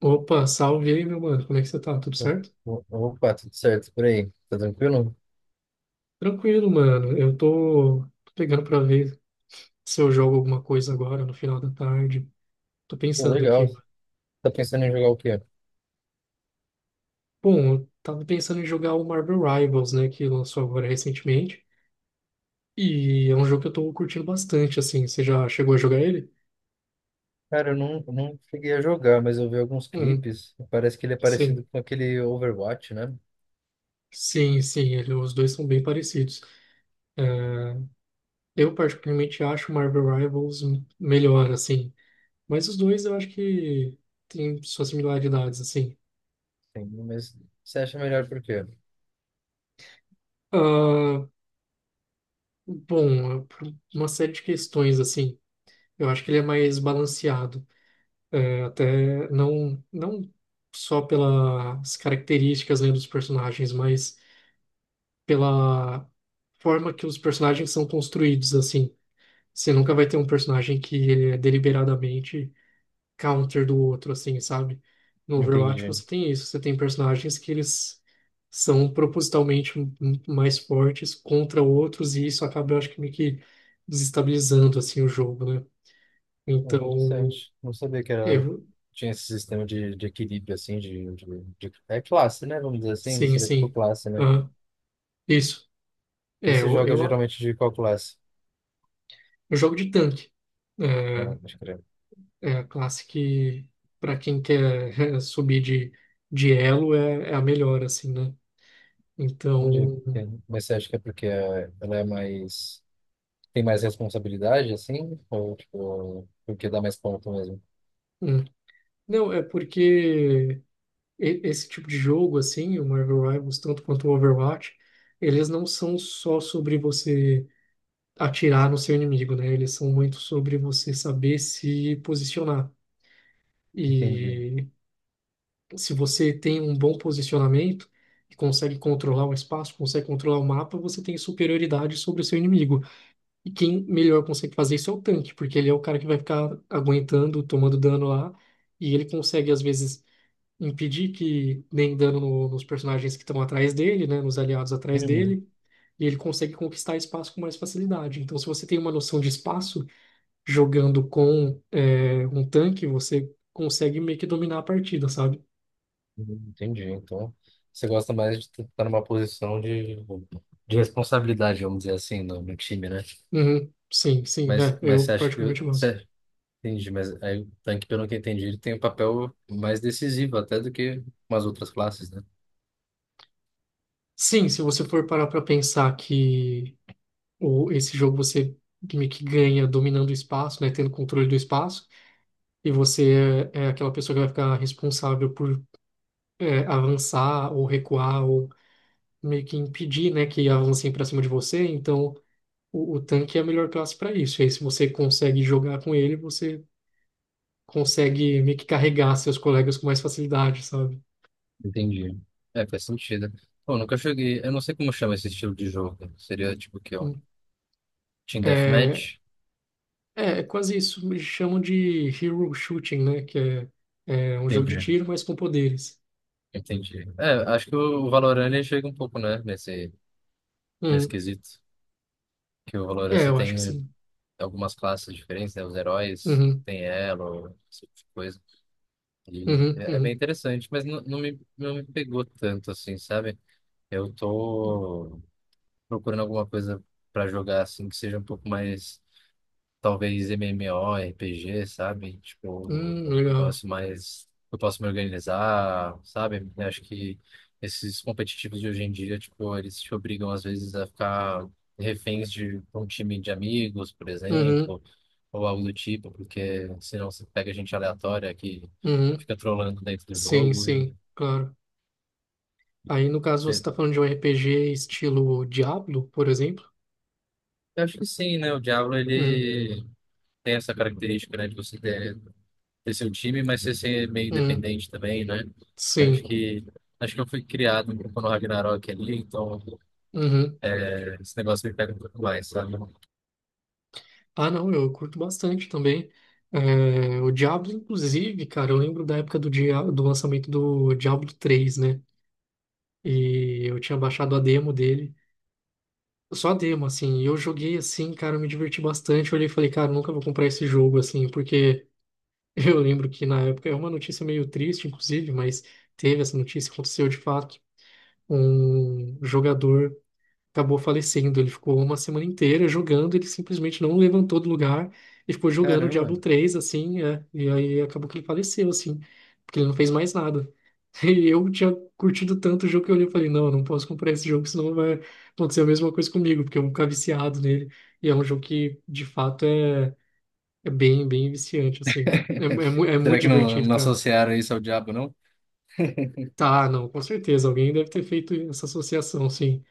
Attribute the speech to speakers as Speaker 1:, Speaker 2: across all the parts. Speaker 1: Opa, salve aí, meu mano. Como é que você tá? Tudo
Speaker 2: O-
Speaker 1: certo?
Speaker 2: Opa, tudo certo por aí? Tá tranquilo?
Speaker 1: Tranquilo, mano. Eu tô pegando pra ver se eu jogo alguma coisa agora no final da tarde. Tô
Speaker 2: Pô,
Speaker 1: pensando
Speaker 2: legal.
Speaker 1: aqui.
Speaker 2: Tá pensando em jogar o quê?
Speaker 1: Bom, eu tava pensando em jogar o Marvel Rivals, né, que lançou agora recentemente. E é um jogo que eu tô curtindo bastante, assim. Você já chegou a jogar ele?
Speaker 2: Cara, eu não cheguei a jogar, mas eu vi alguns
Speaker 1: Hum,
Speaker 2: clipes. Parece que ele é parecido
Speaker 1: sim.
Speaker 2: com aquele Overwatch, né?
Speaker 1: Sim, sim, os dois são bem parecidos. É, eu particularmente acho o Marvel Rivals melhor, assim. Mas os dois eu acho que têm suas similaridades, assim.
Speaker 2: Sim, mas você acha melhor por quê?
Speaker 1: Ah, bom, por uma série de questões, assim. Eu acho que ele é mais balanceado. É, até não só pelas características, né, dos personagens, mas pela forma que os personagens são construídos, assim. Você nunca vai ter um personagem que ele é deliberadamente counter do outro, assim, sabe? No Overwatch
Speaker 2: Entendi.
Speaker 1: você tem isso, você tem personagens que eles são propositalmente mais fortes contra outros, e isso acaba, eu acho que meio que desestabilizando, assim, o jogo, né?
Speaker 2: Pô,
Speaker 1: Então,
Speaker 2: interessante. Não sabia que era...
Speaker 1: eu,
Speaker 2: tinha esse sistema de equilíbrio, assim, de É classe, né? Vamos dizer assim.
Speaker 1: sim,
Speaker 2: Seria tipo
Speaker 1: sim,
Speaker 2: classe, né?
Speaker 1: aham, isso.
Speaker 2: E
Speaker 1: É,
Speaker 2: se
Speaker 1: eu,
Speaker 2: joga
Speaker 1: eu,
Speaker 2: geralmente de qual classe?
Speaker 1: eu jogo de tanque.
Speaker 2: Ah,
Speaker 1: É,
Speaker 2: acho que era.
Speaker 1: é a classe que, para quem quer subir de elo, é, é a melhor, assim, né? Então,
Speaker 2: Entendi. Mas você acha que é porque ela é mais. Tem mais responsabilidade, assim? Ou, tipo, porque dá mais ponto mesmo?
Speaker 1: hum. não, é porque esse tipo de jogo, assim, o Marvel Rivals, tanto quanto o Overwatch, eles não são só sobre você atirar no seu inimigo, né? Eles são muito sobre você saber se posicionar.
Speaker 2: Entendi.
Speaker 1: E se você tem um bom posicionamento e consegue controlar o espaço, consegue controlar o mapa, você tem superioridade sobre o seu inimigo. E quem melhor consegue fazer isso é o tanque, porque ele é o cara que vai ficar aguentando, tomando dano lá, e ele consegue, às vezes impedir que deem dano nos personagens que estão atrás dele, né, nos aliados atrás
Speaker 2: Uhum.
Speaker 1: dele, e ele consegue conquistar espaço com mais facilidade. Então, se você tem uma noção de espaço, jogando com é, um tanque, você consegue meio que dominar a partida, sabe?
Speaker 2: Uhum, entendi. Então, você gosta mais de estar numa posição de responsabilidade, vamos dizer assim, no time, né?
Speaker 1: Uhum. Sim, sim,
Speaker 2: Mas,
Speaker 1: é,
Speaker 2: mas
Speaker 1: eu
Speaker 2: você acha que...
Speaker 1: particularmente gosto.
Speaker 2: Você, entendi, mas aí o tanque, pelo que eu entendi, ele tem um papel mais decisivo até do que umas outras classes, né?
Speaker 1: Sim, se você for parar para pensar que esse jogo você meio que ganha dominando o espaço, né, tendo controle do espaço, e você é, é aquela pessoa que vai ficar responsável por é, avançar ou recuar ou meio que impedir, né, que avancem para cima de você. Então, o tanque é a melhor classe para isso. E aí, se você consegue jogar com ele, você consegue meio que carregar seus colegas com mais facilidade, sabe?
Speaker 2: Entendi. É, faz sentido. Pô, nunca cheguei... Eu não sei como chama esse estilo de jogo. Seria, tipo, o quê? Um
Speaker 1: Hum,
Speaker 2: team
Speaker 1: É,
Speaker 2: deathmatch?
Speaker 1: é quase isso. Eles chamam de hero shooting, né, que é, é um jogo de
Speaker 2: Entendi.
Speaker 1: tiro, mas com poderes.
Speaker 2: Entendi. É, acho que o Valorant ele chega um pouco, né, nesse
Speaker 1: Uhum.
Speaker 2: quesito. Que o Valorant
Speaker 1: É,
Speaker 2: você
Speaker 1: eu acho que
Speaker 2: tem
Speaker 1: sim.
Speaker 2: algumas classes diferentes, né? Os heróis,
Speaker 1: Uhum,
Speaker 2: tem elo, esse tipo de coisa. E
Speaker 1: uhum,
Speaker 2: é é bem
Speaker 1: uhum.
Speaker 2: interessante, mas não me pegou tanto, assim, sabe? Eu tô procurando alguma coisa pra jogar, assim, que seja um pouco mais. Talvez MMO, RPG, sabe? Tipo, um
Speaker 1: Legal.
Speaker 2: negócio mais que eu posso me organizar, sabe? Eu acho que esses competitivos de hoje em dia, tipo, eles te obrigam às vezes a ficar reféns de um time de amigos, por
Speaker 1: Uhum,
Speaker 2: exemplo, ou algo do tipo, porque senão você pega gente aleatória que
Speaker 1: uhum.
Speaker 2: fica trolando dentro do
Speaker 1: Sim,
Speaker 2: jogo e
Speaker 1: sim, claro. Aí, no caso, você
Speaker 2: você...
Speaker 1: está falando de um RPG estilo Diablo, por exemplo?
Speaker 2: Eu acho que sim, né? O Diablo,
Speaker 1: Uhum,
Speaker 2: ele tem essa característica, né, de você ter seu time, mas você ser meio
Speaker 1: uhum,
Speaker 2: independente também, né? Acho
Speaker 1: sim.
Speaker 2: que acho que eu fui criado um pouco no Ragnarok ali, então
Speaker 1: Uhum.
Speaker 2: é, esse negócio me pega um pouco mais, sabe?
Speaker 1: Ah, não, eu curto bastante também. É, o Diablo, inclusive, cara, eu lembro da época do lançamento do Diablo três, né? E eu tinha baixado a demo dele. Só a demo, assim. E eu joguei assim, cara, eu me diverti bastante. Eu olhei e falei, cara, eu nunca vou comprar esse jogo, assim, porque eu lembro que na época, é uma notícia meio triste, inclusive, mas teve essa notícia, aconteceu de fato. Um jogador acabou falecendo. Ele ficou uma semana inteira jogando, ele simplesmente não levantou do lugar e ficou jogando o
Speaker 2: Caramba.
Speaker 1: Diablo três assim, é, e aí acabou que ele faleceu, assim, porque ele não fez mais nada. E eu tinha curtido tanto o jogo que eu olhei e falei, não, eu não posso comprar esse jogo, senão vai acontecer a mesma coisa comigo, porque eu vou ficar viciado nele. E é um jogo que, de fato, é, é bem, bem viciante, assim. É, é, é muito
Speaker 2: Será que
Speaker 1: divertido,
Speaker 2: não
Speaker 1: cara.
Speaker 2: associaram isso ao diabo, não?
Speaker 1: Tá, não, com certeza. Alguém deve ter feito essa associação, sim.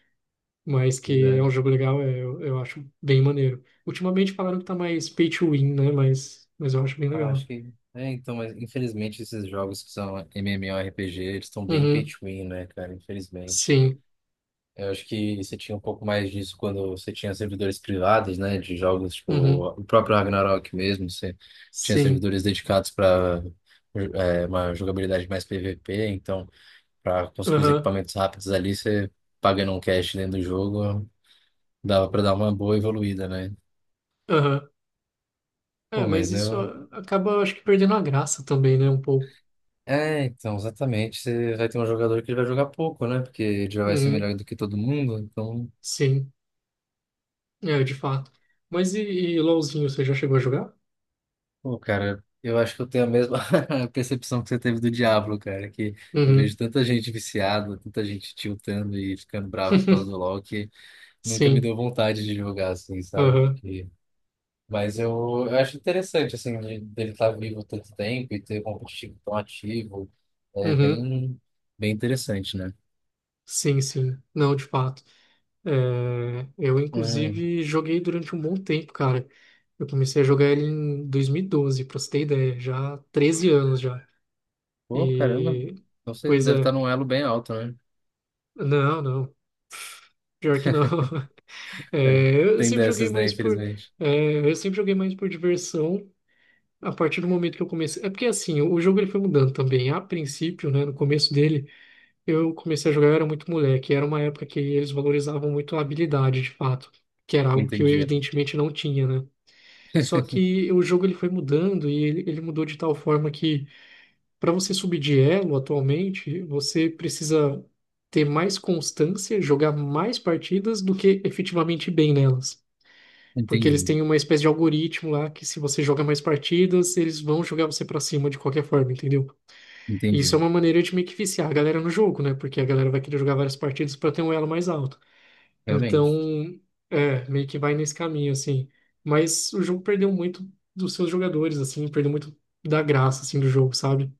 Speaker 1: Mas
Speaker 2: Pois
Speaker 1: que é
Speaker 2: é.
Speaker 1: um jogo legal, é, eu acho bem maneiro. Ultimamente falaram que tá mais pay to win, né? Mas eu acho bem
Speaker 2: Ah, acho
Speaker 1: legal.
Speaker 2: que. É, então, mas infelizmente esses jogos que são MMORPG, eles estão bem pay
Speaker 1: Uhum,
Speaker 2: to win, né, cara? Infelizmente.
Speaker 1: sim,
Speaker 2: Eu acho que você tinha um pouco mais disso quando você tinha servidores privados, né, de jogos, tipo
Speaker 1: uhum,
Speaker 2: o próprio Ragnarok mesmo, você tinha
Speaker 1: sim,
Speaker 2: servidores dedicados para uma jogabilidade mais PVP, então para conseguir os
Speaker 1: aham,
Speaker 2: equipamentos rápidos ali, você pagando um cash dentro do jogo, dava para dar uma boa evoluída, né?
Speaker 1: aham. É,
Speaker 2: Pô,
Speaker 1: mas
Speaker 2: mas
Speaker 1: isso
Speaker 2: eu
Speaker 1: acaba, eu acho que, perdendo a graça também, né? Um pouco.
Speaker 2: É, então, exatamente. Você vai ter um jogador que ele vai jogar pouco, né? Porque ele já vai ser
Speaker 1: Uhum,
Speaker 2: melhor do que todo mundo, então
Speaker 1: sim, é, de fato. Mas e LOLzinho, você já chegou a jogar?
Speaker 2: Pô, cara, eu acho que eu tenho a mesma percepção que você teve do Diablo, cara, que eu
Speaker 1: Uhum,
Speaker 2: vejo tanta gente viciada, tanta gente tiltando e ficando brava por causa do LoL que nunca me
Speaker 1: sim,
Speaker 2: deu vontade de jogar assim, sabe?
Speaker 1: aham,
Speaker 2: Mas eu, eu acho interessante, assim, dele estar vivo tanto tempo e ter um competitivo tão ativo, é
Speaker 1: uhum,
Speaker 2: bem, bem interessante, né?
Speaker 1: sim, sim. Não, de fato. É, eu,
Speaker 2: Hum.
Speaker 1: inclusive, joguei durante um bom tempo, cara. Eu comecei a jogar ele em 2012, pra você ter ideia, já há 13 anos já.
Speaker 2: Pô, caramba,
Speaker 1: E,
Speaker 2: você
Speaker 1: pois
Speaker 2: deve estar
Speaker 1: é,
Speaker 2: num elo bem alto, né?
Speaker 1: não, pior que não.
Speaker 2: É,
Speaker 1: É, eu
Speaker 2: tem
Speaker 1: sempre joguei
Speaker 2: dessas, né,
Speaker 1: mais
Speaker 2: infelizmente.
Speaker 1: é, eu sempre joguei mais por diversão a partir do momento que eu comecei. É porque, assim, o jogo ele foi mudando também. A princípio, né, no começo dele, eu comecei a jogar, eu era muito moleque. Era uma época que eles valorizavam muito a habilidade, de fato, que era algo que eu,
Speaker 2: Entendi,
Speaker 1: evidentemente, não tinha, né? Só que o jogo ele foi mudando e ele mudou de tal forma que para você subir de elo atualmente, você precisa ter mais constância, jogar mais partidas do que efetivamente ir bem nelas. Porque eles
Speaker 2: entendi,
Speaker 1: têm uma espécie de algoritmo lá que se você joga mais partidas, eles vão jogar você para cima de qualquer forma, entendeu? E
Speaker 2: entendi,
Speaker 1: isso é uma maneira de meio que viciar a galera no jogo, né? Porque a galera vai querer jogar várias partidas para ter um elo mais alto. Então,
Speaker 2: realmente.
Speaker 1: é, meio que vai nesse caminho, assim. Mas o jogo perdeu muito dos seus jogadores, assim, perdeu muito da graça, assim, do jogo, sabe?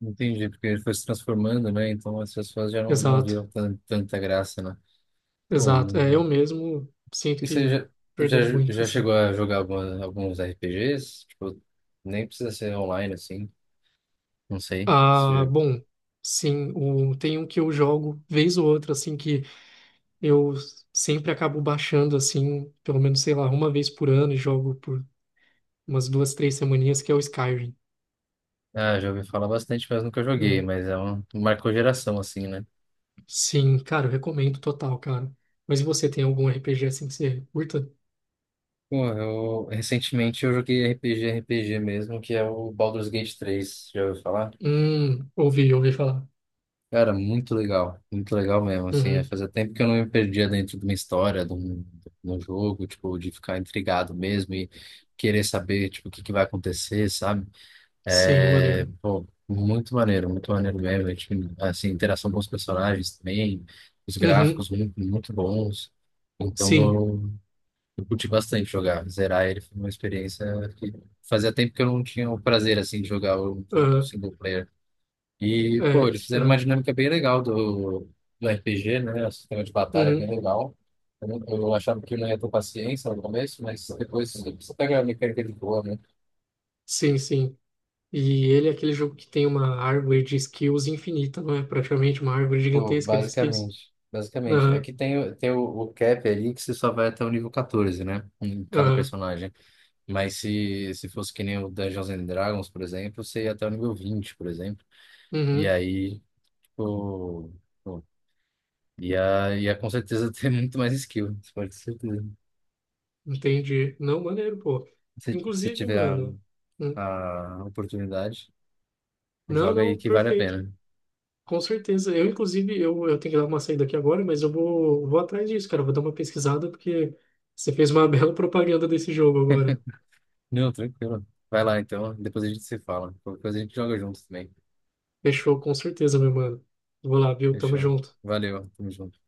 Speaker 2: Entendi, porque ele foi se transformando, né? Então as pessoas já não
Speaker 1: Exato,
Speaker 2: viam tanta graça, né? Pô,
Speaker 1: exato. É, eu
Speaker 2: hum.
Speaker 1: mesmo sinto
Speaker 2: e você
Speaker 1: que
Speaker 2: já, já,
Speaker 1: perdeu muito,
Speaker 2: já
Speaker 1: assim.
Speaker 2: chegou a jogar alguns RPGs? Tipo, nem precisa ser online, assim. Não sei. Se
Speaker 1: Ah,
Speaker 2: já-
Speaker 1: bom, sim, tem um que eu jogo vez ou outra, assim, que eu sempre acabo baixando, assim, pelo menos, sei lá, uma vez por ano e jogo por umas duas, três semaninhas, que é o Skyrim.
Speaker 2: Ah, já ouvi falar bastante, mas nunca joguei. Mas é um... Marcou geração, assim, né?
Speaker 1: Sim, cara, eu recomendo total, cara. Mas e você tem algum RPG assim que você curta?
Speaker 2: Pô, eu... Recentemente eu RPG mesmo, que é o Baldur's Gate 3. Já ouviu falar?
Speaker 1: Ouvi, ouvi falar.
Speaker 2: Cara, muito legal mesmo, assim, é,
Speaker 1: Uhum,
Speaker 2: fazia tempo que eu não me perdia dentro de uma história, de um jogo, tipo, de ficar intrigado mesmo e querer saber, tipo, o que que vai acontecer, sabe?
Speaker 1: sim,
Speaker 2: É,
Speaker 1: maneiro.
Speaker 2: pô, muito maneiro mesmo, é, tipo, assim, interação com os personagens também, os
Speaker 1: Uhum,
Speaker 2: gráficos muito, muito bons, então
Speaker 1: sim,
Speaker 2: eu curti bastante jogar, zerar ele foi uma experiência que fazia tempo que eu não tinha o prazer, assim, de jogar o
Speaker 1: ah,
Speaker 2: single player. E, pô,
Speaker 1: é,
Speaker 2: eles fizeram uma
Speaker 1: ah,
Speaker 2: dinâmica bem legal do RPG, né? O sistema de batalha é bem
Speaker 1: uhum,
Speaker 2: legal. Eu achava que eu não ia ter paciência no começo, mas depois você pega a mecânica de boa, né?
Speaker 1: sim, sim. E ele é aquele jogo que tem uma árvore de skills infinita, não é? Praticamente uma árvore
Speaker 2: Pô,
Speaker 1: gigantesca de skills.
Speaker 2: basicamente. Basicamente.
Speaker 1: Aham,
Speaker 2: Aqui tem, tem o cap ali que você só vai até o nível 14, né? Em cada
Speaker 1: aham,
Speaker 2: personagem. Mas se fosse que nem o Dungeons and Dragons, por exemplo, você ia até o nível 20 por exemplo. E
Speaker 1: uhum,
Speaker 2: aí, tipo, pô, ia com certeza ter muito mais skill. Isso pode ter certeza.
Speaker 1: entendi. Não, maneiro, pô.
Speaker 2: Se
Speaker 1: Inclusive,
Speaker 2: tiver
Speaker 1: mano, hum,
Speaker 2: a oportunidade,
Speaker 1: não,
Speaker 2: joga aí
Speaker 1: não,
Speaker 2: que vale a
Speaker 1: perfeito.
Speaker 2: pena.
Speaker 1: Com certeza. Eu, inclusive, eu tenho que dar uma saída aqui agora, mas vou atrás disso, cara. Vou dar uma pesquisada, porque você fez uma bela propaganda desse jogo agora.
Speaker 2: Não, tranquilo. Vai lá então, depois a gente se fala. Qualquer coisa a gente joga junto também.
Speaker 1: Fechou, com certeza, meu mano. Vou lá, viu? Tamo
Speaker 2: Fechou.
Speaker 1: junto.
Speaker 2: Valeu, tamo junto.